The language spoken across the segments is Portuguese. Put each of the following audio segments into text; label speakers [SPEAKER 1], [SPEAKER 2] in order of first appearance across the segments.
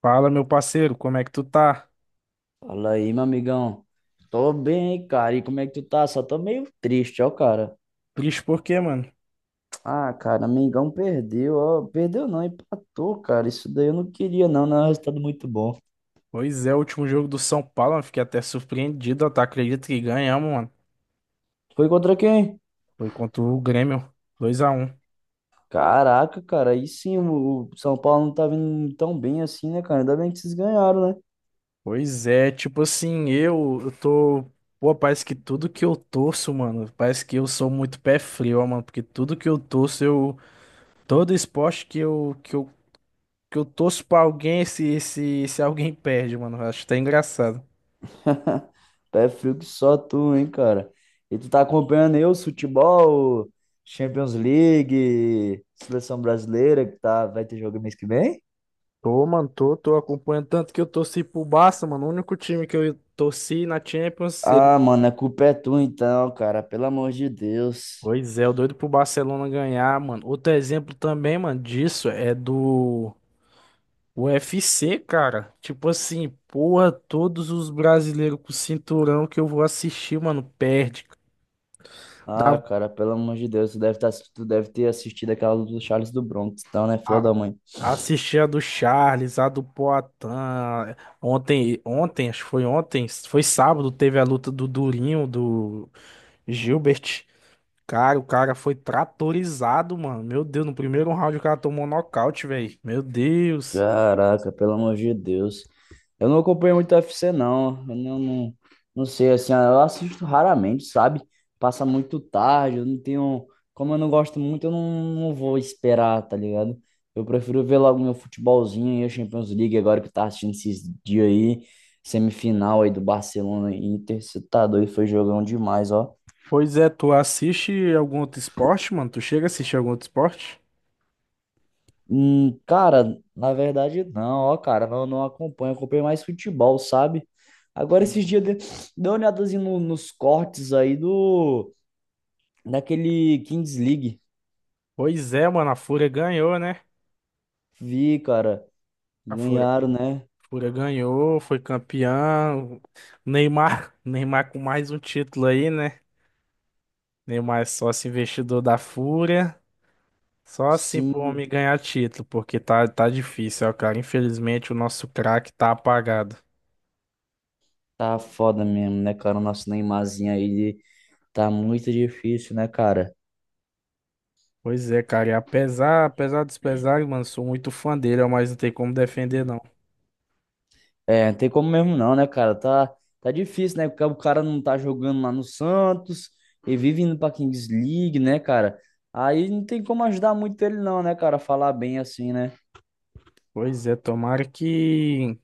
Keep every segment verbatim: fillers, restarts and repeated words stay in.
[SPEAKER 1] Fala, meu parceiro, como é que tu tá?
[SPEAKER 2] Fala aí, meu amigão. Tô bem, cara. E como é que tu tá? Só tô meio triste, ó, cara.
[SPEAKER 1] Triste por quê, mano?
[SPEAKER 2] Ah, cara, amigão perdeu, ó. Perdeu não, empatou, cara. Isso daí eu não queria, não. Não é um resultado muito bom.
[SPEAKER 1] Pois é, o último jogo do São Paulo, mano, fiquei até surpreendido, ó, tá? Acredito que ganhamos, mano.
[SPEAKER 2] Foi contra quem?
[SPEAKER 1] Foi contra o Grêmio, dois a um.
[SPEAKER 2] Caraca, cara. Aí sim, o o São Paulo não tá vindo tão bem assim, né, cara? Ainda bem que vocês ganharam, né?
[SPEAKER 1] Pois é, tipo assim, eu, eu tô. Pô, parece que tudo que eu torço, mano, parece que eu sou muito pé frio, ó, mano, porque tudo que eu torço, eu. Todo esporte que eu, que eu, que eu torço pra alguém, esse, esse, esse alguém perde, mano. Eu acho até engraçado.
[SPEAKER 2] Pé frio que só tu, hein, cara. E tu tá acompanhando aí o futebol, Champions League, Seleção Brasileira, que tá, vai ter jogo mês que vem?
[SPEAKER 1] Tô, mano, tô, tô acompanhando tanto que eu torci pro Barça, mano. O único time que eu torci na Champions. Ele...
[SPEAKER 2] Ah, mano, a culpa é tu então, cara, pelo amor de Deus.
[SPEAKER 1] Pois é, o doido pro Barcelona ganhar, mano. Outro exemplo também, mano, disso é do U F C, cara. Tipo assim, porra, todos os brasileiros com cinturão que eu vou assistir, mano, perde.
[SPEAKER 2] Ah,
[SPEAKER 1] Dá...
[SPEAKER 2] cara, pelo amor de Deus, tu deve, tá, tu deve ter assistido aquela luta do Charles do Bronx, então, né, filha
[SPEAKER 1] A...
[SPEAKER 2] da mãe?
[SPEAKER 1] Assisti a do Charles, a do Poatan. Ontem, ontem, acho que foi ontem, foi sábado, teve a luta do Durinho, do Gilbert. Cara, o cara foi tratorizado, mano. Meu Deus, no primeiro round o cara tomou nocaute, velho. Meu Deus.
[SPEAKER 2] Caraca, pelo amor de Deus. Eu não acompanho muito U F C, não. Eu não, não, não sei, assim, eu assisto raramente, sabe? Passa muito tarde, eu não tenho. Como eu não gosto muito, eu não, não vou esperar, tá ligado? Eu prefiro ver logo meu futebolzinho e a Champions League agora que tá assistindo esses dias aí. Semifinal aí do Barcelona e Inter, você tá doido, foi jogão demais, ó.
[SPEAKER 1] Pois é, tu assiste algum outro esporte, mano? Tu chega a assistir algum outro esporte?
[SPEAKER 2] Hum, cara, na verdade não, ó, cara, não, não acompanho, acompanho mais futebol, sabe? Agora esses
[SPEAKER 1] Sim.
[SPEAKER 2] dias de... dei uma olhadazinha no- nos cortes aí do daquele Kings League.
[SPEAKER 1] Pois é, mano, a Fúria ganhou, né?
[SPEAKER 2] Vi, cara,
[SPEAKER 1] A Fúria,
[SPEAKER 2] ganharam, né?
[SPEAKER 1] Fúria ganhou, foi campeão. Neymar, Neymar com mais um título aí, né? Neymar é sócio investidor da Fúria. Só assim pro
[SPEAKER 2] Sim,
[SPEAKER 1] homem ganhar título, porque tá, tá difícil, ó, cara. Infelizmente o nosso craque tá apagado.
[SPEAKER 2] tá foda mesmo, né, cara? O nosso Neymarzinho aí tá muito difícil, né, cara?
[SPEAKER 1] Pois é, cara, e apesar, apesar dos pesares, mano, sou muito fã dele, ó, mas não tem como defender, não.
[SPEAKER 2] É, não tem como mesmo não, né, cara? Tá, tá difícil, né? Porque o cara não tá jogando lá no Santos e vive indo pra Kings League, né, cara? Aí não tem como ajudar muito ele não, né, cara? Falar bem assim, né?
[SPEAKER 1] Pois é, tomara que,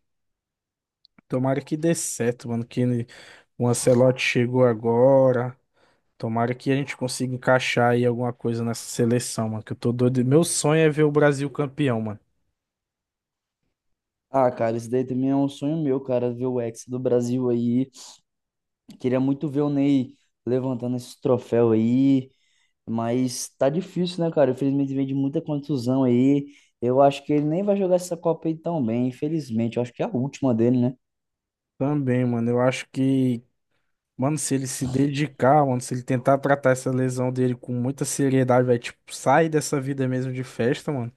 [SPEAKER 1] tomara que dê certo, mano, que ele... O Ancelotti chegou agora, tomara que a gente consiga encaixar aí alguma coisa nessa seleção, mano, que eu tô doido, meu sonho é ver o Brasil campeão, mano.
[SPEAKER 2] Ah, cara, isso daí também é um sonho meu, cara, ver o Hexa do Brasil aí. Queria muito ver o Ney levantando esse troféu aí, mas tá difícil, né, cara? Infelizmente vem de muita contusão aí. Eu acho que ele nem vai jogar essa Copa aí tão bem, infelizmente. Eu acho que é a última dele, né?
[SPEAKER 1] Também, mano, eu acho que, mano, se ele se dedicar, mano, se ele tentar tratar essa lesão dele com muita seriedade, vai, tipo, sair dessa vida mesmo de festa, mano.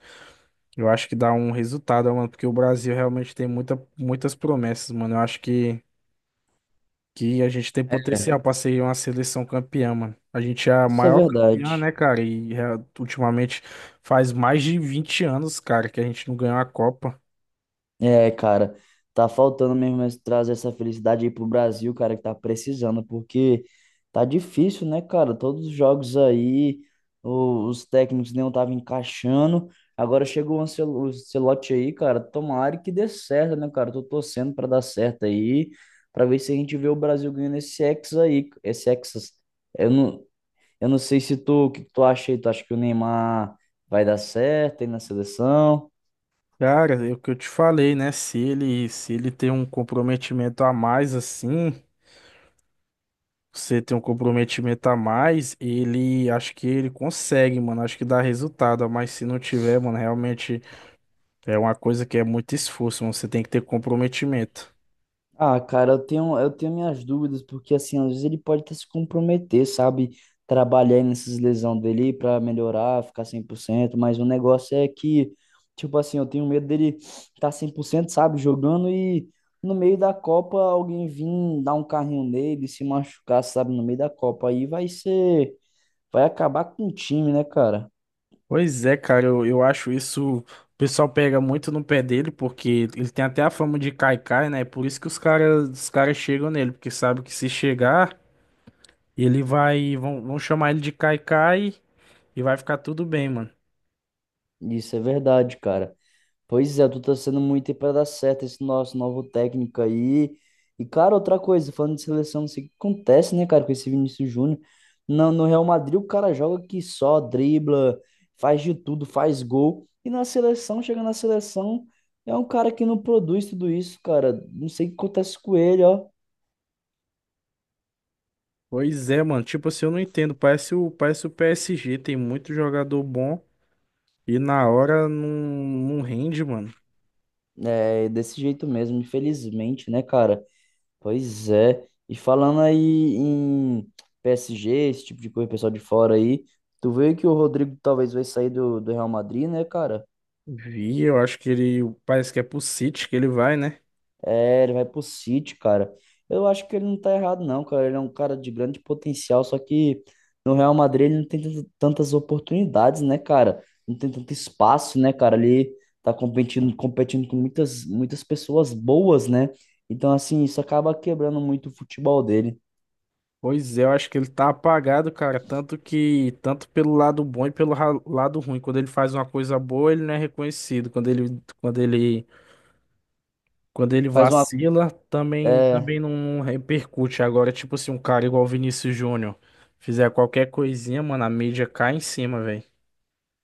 [SPEAKER 1] Eu acho que dá um resultado, mano, porque o Brasil realmente tem muita, muitas promessas, mano. Eu acho que, que a gente tem potencial pra ser uma seleção campeã, mano. A gente é a
[SPEAKER 2] Isso é
[SPEAKER 1] maior campeã,
[SPEAKER 2] verdade.
[SPEAKER 1] né, cara? E é, ultimamente faz mais de vinte anos, cara, que a gente não ganhou a Copa.
[SPEAKER 2] É, cara, tá faltando mesmo esse- trazer essa felicidade aí pro Brasil, cara, que tá precisando, porque tá difícil, né, cara? Todos os jogos aí, o- os técnicos não estavam encaixando. Agora chegou o Ancel- o Ancelotti aí, cara. Tomara que dê certo, né, cara? Tô torcendo pra dar certo aí, pra ver se a gente vê o Brasil ganhando esse Hexa aí, esse Hexas. Eu não, eu não sei se tu, o que que tu acha aí? Tu acha que o Neymar vai dar certo aí na seleção?
[SPEAKER 1] Cara, é o que eu te falei, né? Se ele, se ele tem um comprometimento a mais assim, você tem um comprometimento a mais, ele acho que ele consegue, mano. Acho que dá resultado, mas se não tiver, mano, realmente. É uma coisa que é muito esforço, você tem que ter comprometimento.
[SPEAKER 2] Ah, cara, eu tenho, eu tenho minhas dúvidas, porque assim, às vezes ele pode até se comprometer, sabe? Trabalhar nessas lesões dele pra melhorar, ficar cem por cento, mas o negócio é que, tipo assim, eu tenho medo dele estar cem por cento, sabe? Jogando e no meio da Copa alguém vir dar um carrinho nele, se machucar, sabe? No meio da Copa. Aí vai ser, vai acabar com o time, né, cara?
[SPEAKER 1] Pois é, cara, eu, eu acho isso. O pessoal pega muito no pé dele, porque ele tem até a fama de caicai, né? É por isso que os caras os caras chegam nele, porque sabe que se chegar, ele vai. Vão, vão chamar ele de caicai e vai ficar tudo bem, mano.
[SPEAKER 2] Isso é verdade, cara. Pois é, eu tô sendo muito aí pra dar certo esse nosso novo técnico aí. E, cara, outra coisa, falando de seleção, não sei o que acontece, né, cara, com esse Vinícius Júnior. No, no Real Madrid, o cara joga que só, dribla, faz de tudo, faz gol. E na seleção, chega na seleção, é um cara que não produz tudo isso, cara. Não sei o que acontece com ele, ó.
[SPEAKER 1] Pois é, mano. Tipo assim, eu não entendo. Parece o, parece o P S G, tem muito jogador bom e na hora não, não rende, mano.
[SPEAKER 2] É desse jeito mesmo, infelizmente, né, cara? Pois é. E falando aí em P S G, esse tipo de coisa, pessoal de fora aí, tu vê que o Rodrigo talvez vai sair do, do Real Madrid, né, cara?
[SPEAKER 1] Vi, eu acho que ele. Parece que é pro City que ele vai, né?
[SPEAKER 2] É, ele vai pro City, cara. Eu acho que ele não tá errado, não, cara. Ele é um cara de grande potencial, só que no Real Madrid ele não tem tant- tantas oportunidades, né, cara? Não tem tanto espaço, né, cara? Ele tá competindo, competindo com muitas, muitas pessoas boas, né? Então, assim, isso acaba quebrando muito o futebol dele.
[SPEAKER 1] Pois é, eu acho que ele tá apagado, cara, tanto que tanto pelo lado bom e pelo ra- lado ruim. Quando ele faz uma coisa boa, ele não é reconhecido. Quando ele quando ele quando ele
[SPEAKER 2] Faz uma.
[SPEAKER 1] vacila, também
[SPEAKER 2] É,
[SPEAKER 1] também não repercute. Agora, tipo assim, um cara igual o Vinícius Júnior fizer qualquer coisinha, mano, a mídia cai em cima, velho.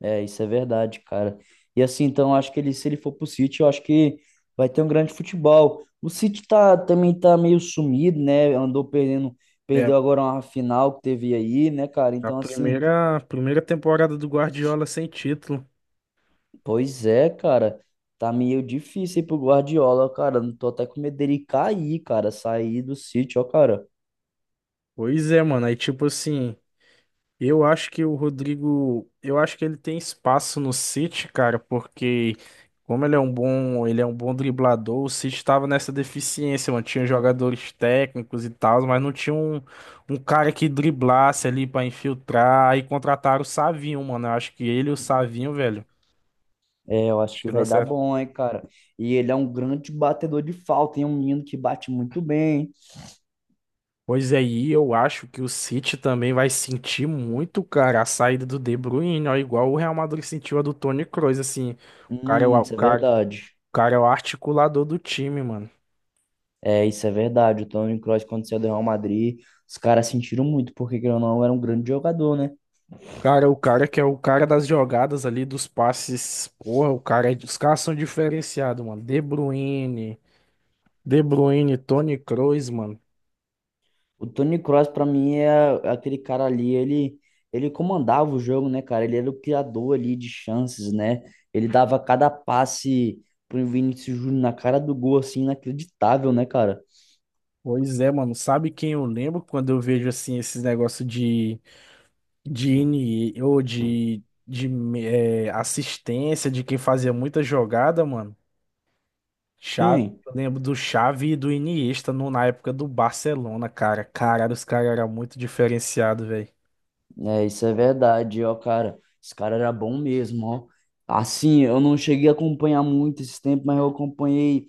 [SPEAKER 2] É, isso é verdade, cara. E assim, então, eu acho que ele, se ele for pro City, eu acho que vai ter um grande futebol. O City tá, também tá meio sumido, né? Andou perdendo,
[SPEAKER 1] É
[SPEAKER 2] perdeu agora uma final que teve aí, né, cara?
[SPEAKER 1] a
[SPEAKER 2] Então, assim,
[SPEAKER 1] primeira primeira temporada do Guardiola sem título.
[SPEAKER 2] pois é, cara. Tá meio difícil aí pro Guardiola, cara. Não tô até com medo dele cair, cara. Sair do City, ó, cara.
[SPEAKER 1] Pois é, mano, aí tipo assim, eu acho que o Rodrigo, eu acho que ele tem espaço no City, cara, porque como ele é um bom, ele é um bom driblador, o City tava nessa deficiência, mano, tinha jogadores técnicos e tal, mas não tinha um, um cara que driblasse ali pra infiltrar, aí contrataram o Savinho, mano, eu acho que ele e o Savinho, velho,
[SPEAKER 2] É, eu acho
[SPEAKER 1] acho
[SPEAKER 2] que
[SPEAKER 1] que dá
[SPEAKER 2] vai dar
[SPEAKER 1] certo.
[SPEAKER 2] bom, hein, cara. E ele é um grande batedor de falta, hein? Um menino que bate muito bem.
[SPEAKER 1] Pois é, e eu acho que o City também vai sentir muito, cara, a saída do De Bruyne, ó, igual o Real Madrid sentiu a do Toni Kroos, assim, o cara, é o
[SPEAKER 2] Hum,
[SPEAKER 1] o
[SPEAKER 2] isso é
[SPEAKER 1] cara O
[SPEAKER 2] verdade.
[SPEAKER 1] cara é o articulador do time, mano.
[SPEAKER 2] É, isso é verdade. O Toni Kroos, quando saiu do Real Madrid, os caras sentiram muito, porque querendo ou não, era um grande jogador, né?
[SPEAKER 1] Cara, o cara que é o cara das jogadas ali, dos passes. Porra, o cara, é... Os caras são diferenciados, mano. De Bruyne, De Bruyne, Toni Kroos, mano.
[SPEAKER 2] O Toni Kroos, pra mim, é aquele cara ali, ele, ele comandava o jogo, né, cara? Ele era o criador ali de chances, né? Ele dava cada passe pro Vinícius Júnior na cara do gol, assim, inacreditável, né, cara?
[SPEAKER 1] Pois é, mano. Sabe quem eu lembro quando eu vejo assim esses negócios de de I N E ou de, de eh, assistência de quem fazia muita jogada, mano? Xavi,
[SPEAKER 2] Quem
[SPEAKER 1] eu lembro do Xavi e do Iniesta no, na época do Barcelona, cara. Caralho, os caras eram muito diferenciados, velho.
[SPEAKER 2] é, isso é verdade, ó, cara. Esse cara era bom mesmo, ó. Assim, eu não cheguei a acompanhar muito esse tempo, mas eu acompanhei,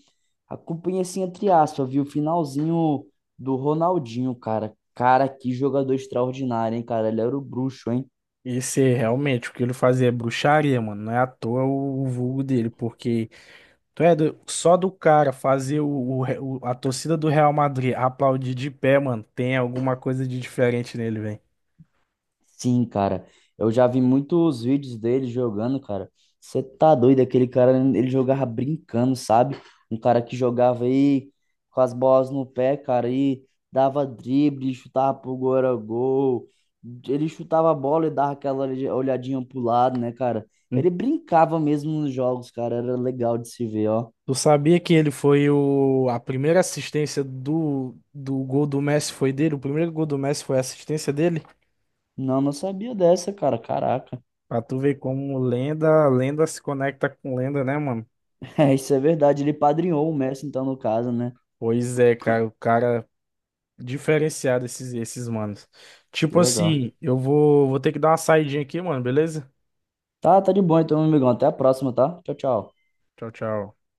[SPEAKER 2] acompanhei assim, entre aspas, vi o finalzinho do Ronaldinho, cara. Cara, que jogador extraordinário, hein, cara? Ele era o bruxo, hein?
[SPEAKER 1] Esse é realmente o que ele fazia é bruxaria, mano. Não é à toa o, o vulgo dele, porque tu é do- só do cara fazer o, o Re- o- a torcida do Real Madrid aplaudir de pé, mano, tem alguma coisa de diferente nele, velho.
[SPEAKER 2] Sim, cara. Eu já vi muitos vídeos dele jogando, cara. Você tá doido, aquele cara, ele jogava brincando, sabe? Um cara que jogava aí com as bolas no pé, cara, e dava drible, chutava pro gol, era gol. Ele chutava a bola e dava aquela olha- olhadinha pro lado, né, cara?
[SPEAKER 1] Hum.
[SPEAKER 2] Ele brincava mesmo nos jogos, cara. Era legal de se ver, ó.
[SPEAKER 1] Tu sabia que ele foi o, a primeira assistência do, do gol do Messi foi dele? O primeiro gol do Messi foi a assistência dele?
[SPEAKER 2] Não, não sabia dessa, cara. Caraca.
[SPEAKER 1] Pra tu ver como lenda, lenda se conecta com lenda, né, mano?
[SPEAKER 2] É, isso é verdade. Ele padrinhou o Messi, então, no caso, né?
[SPEAKER 1] Pois é, cara, o cara diferenciado esses, esses manos.
[SPEAKER 2] Que
[SPEAKER 1] Tipo é.
[SPEAKER 2] legal.
[SPEAKER 1] Assim, eu vou, vou ter que dar uma saidinha aqui, mano, beleza?
[SPEAKER 2] Tá, tá de bom então, meu amigão. Até a próxima, tá? Tchau, tchau.
[SPEAKER 1] Tchau, tchau.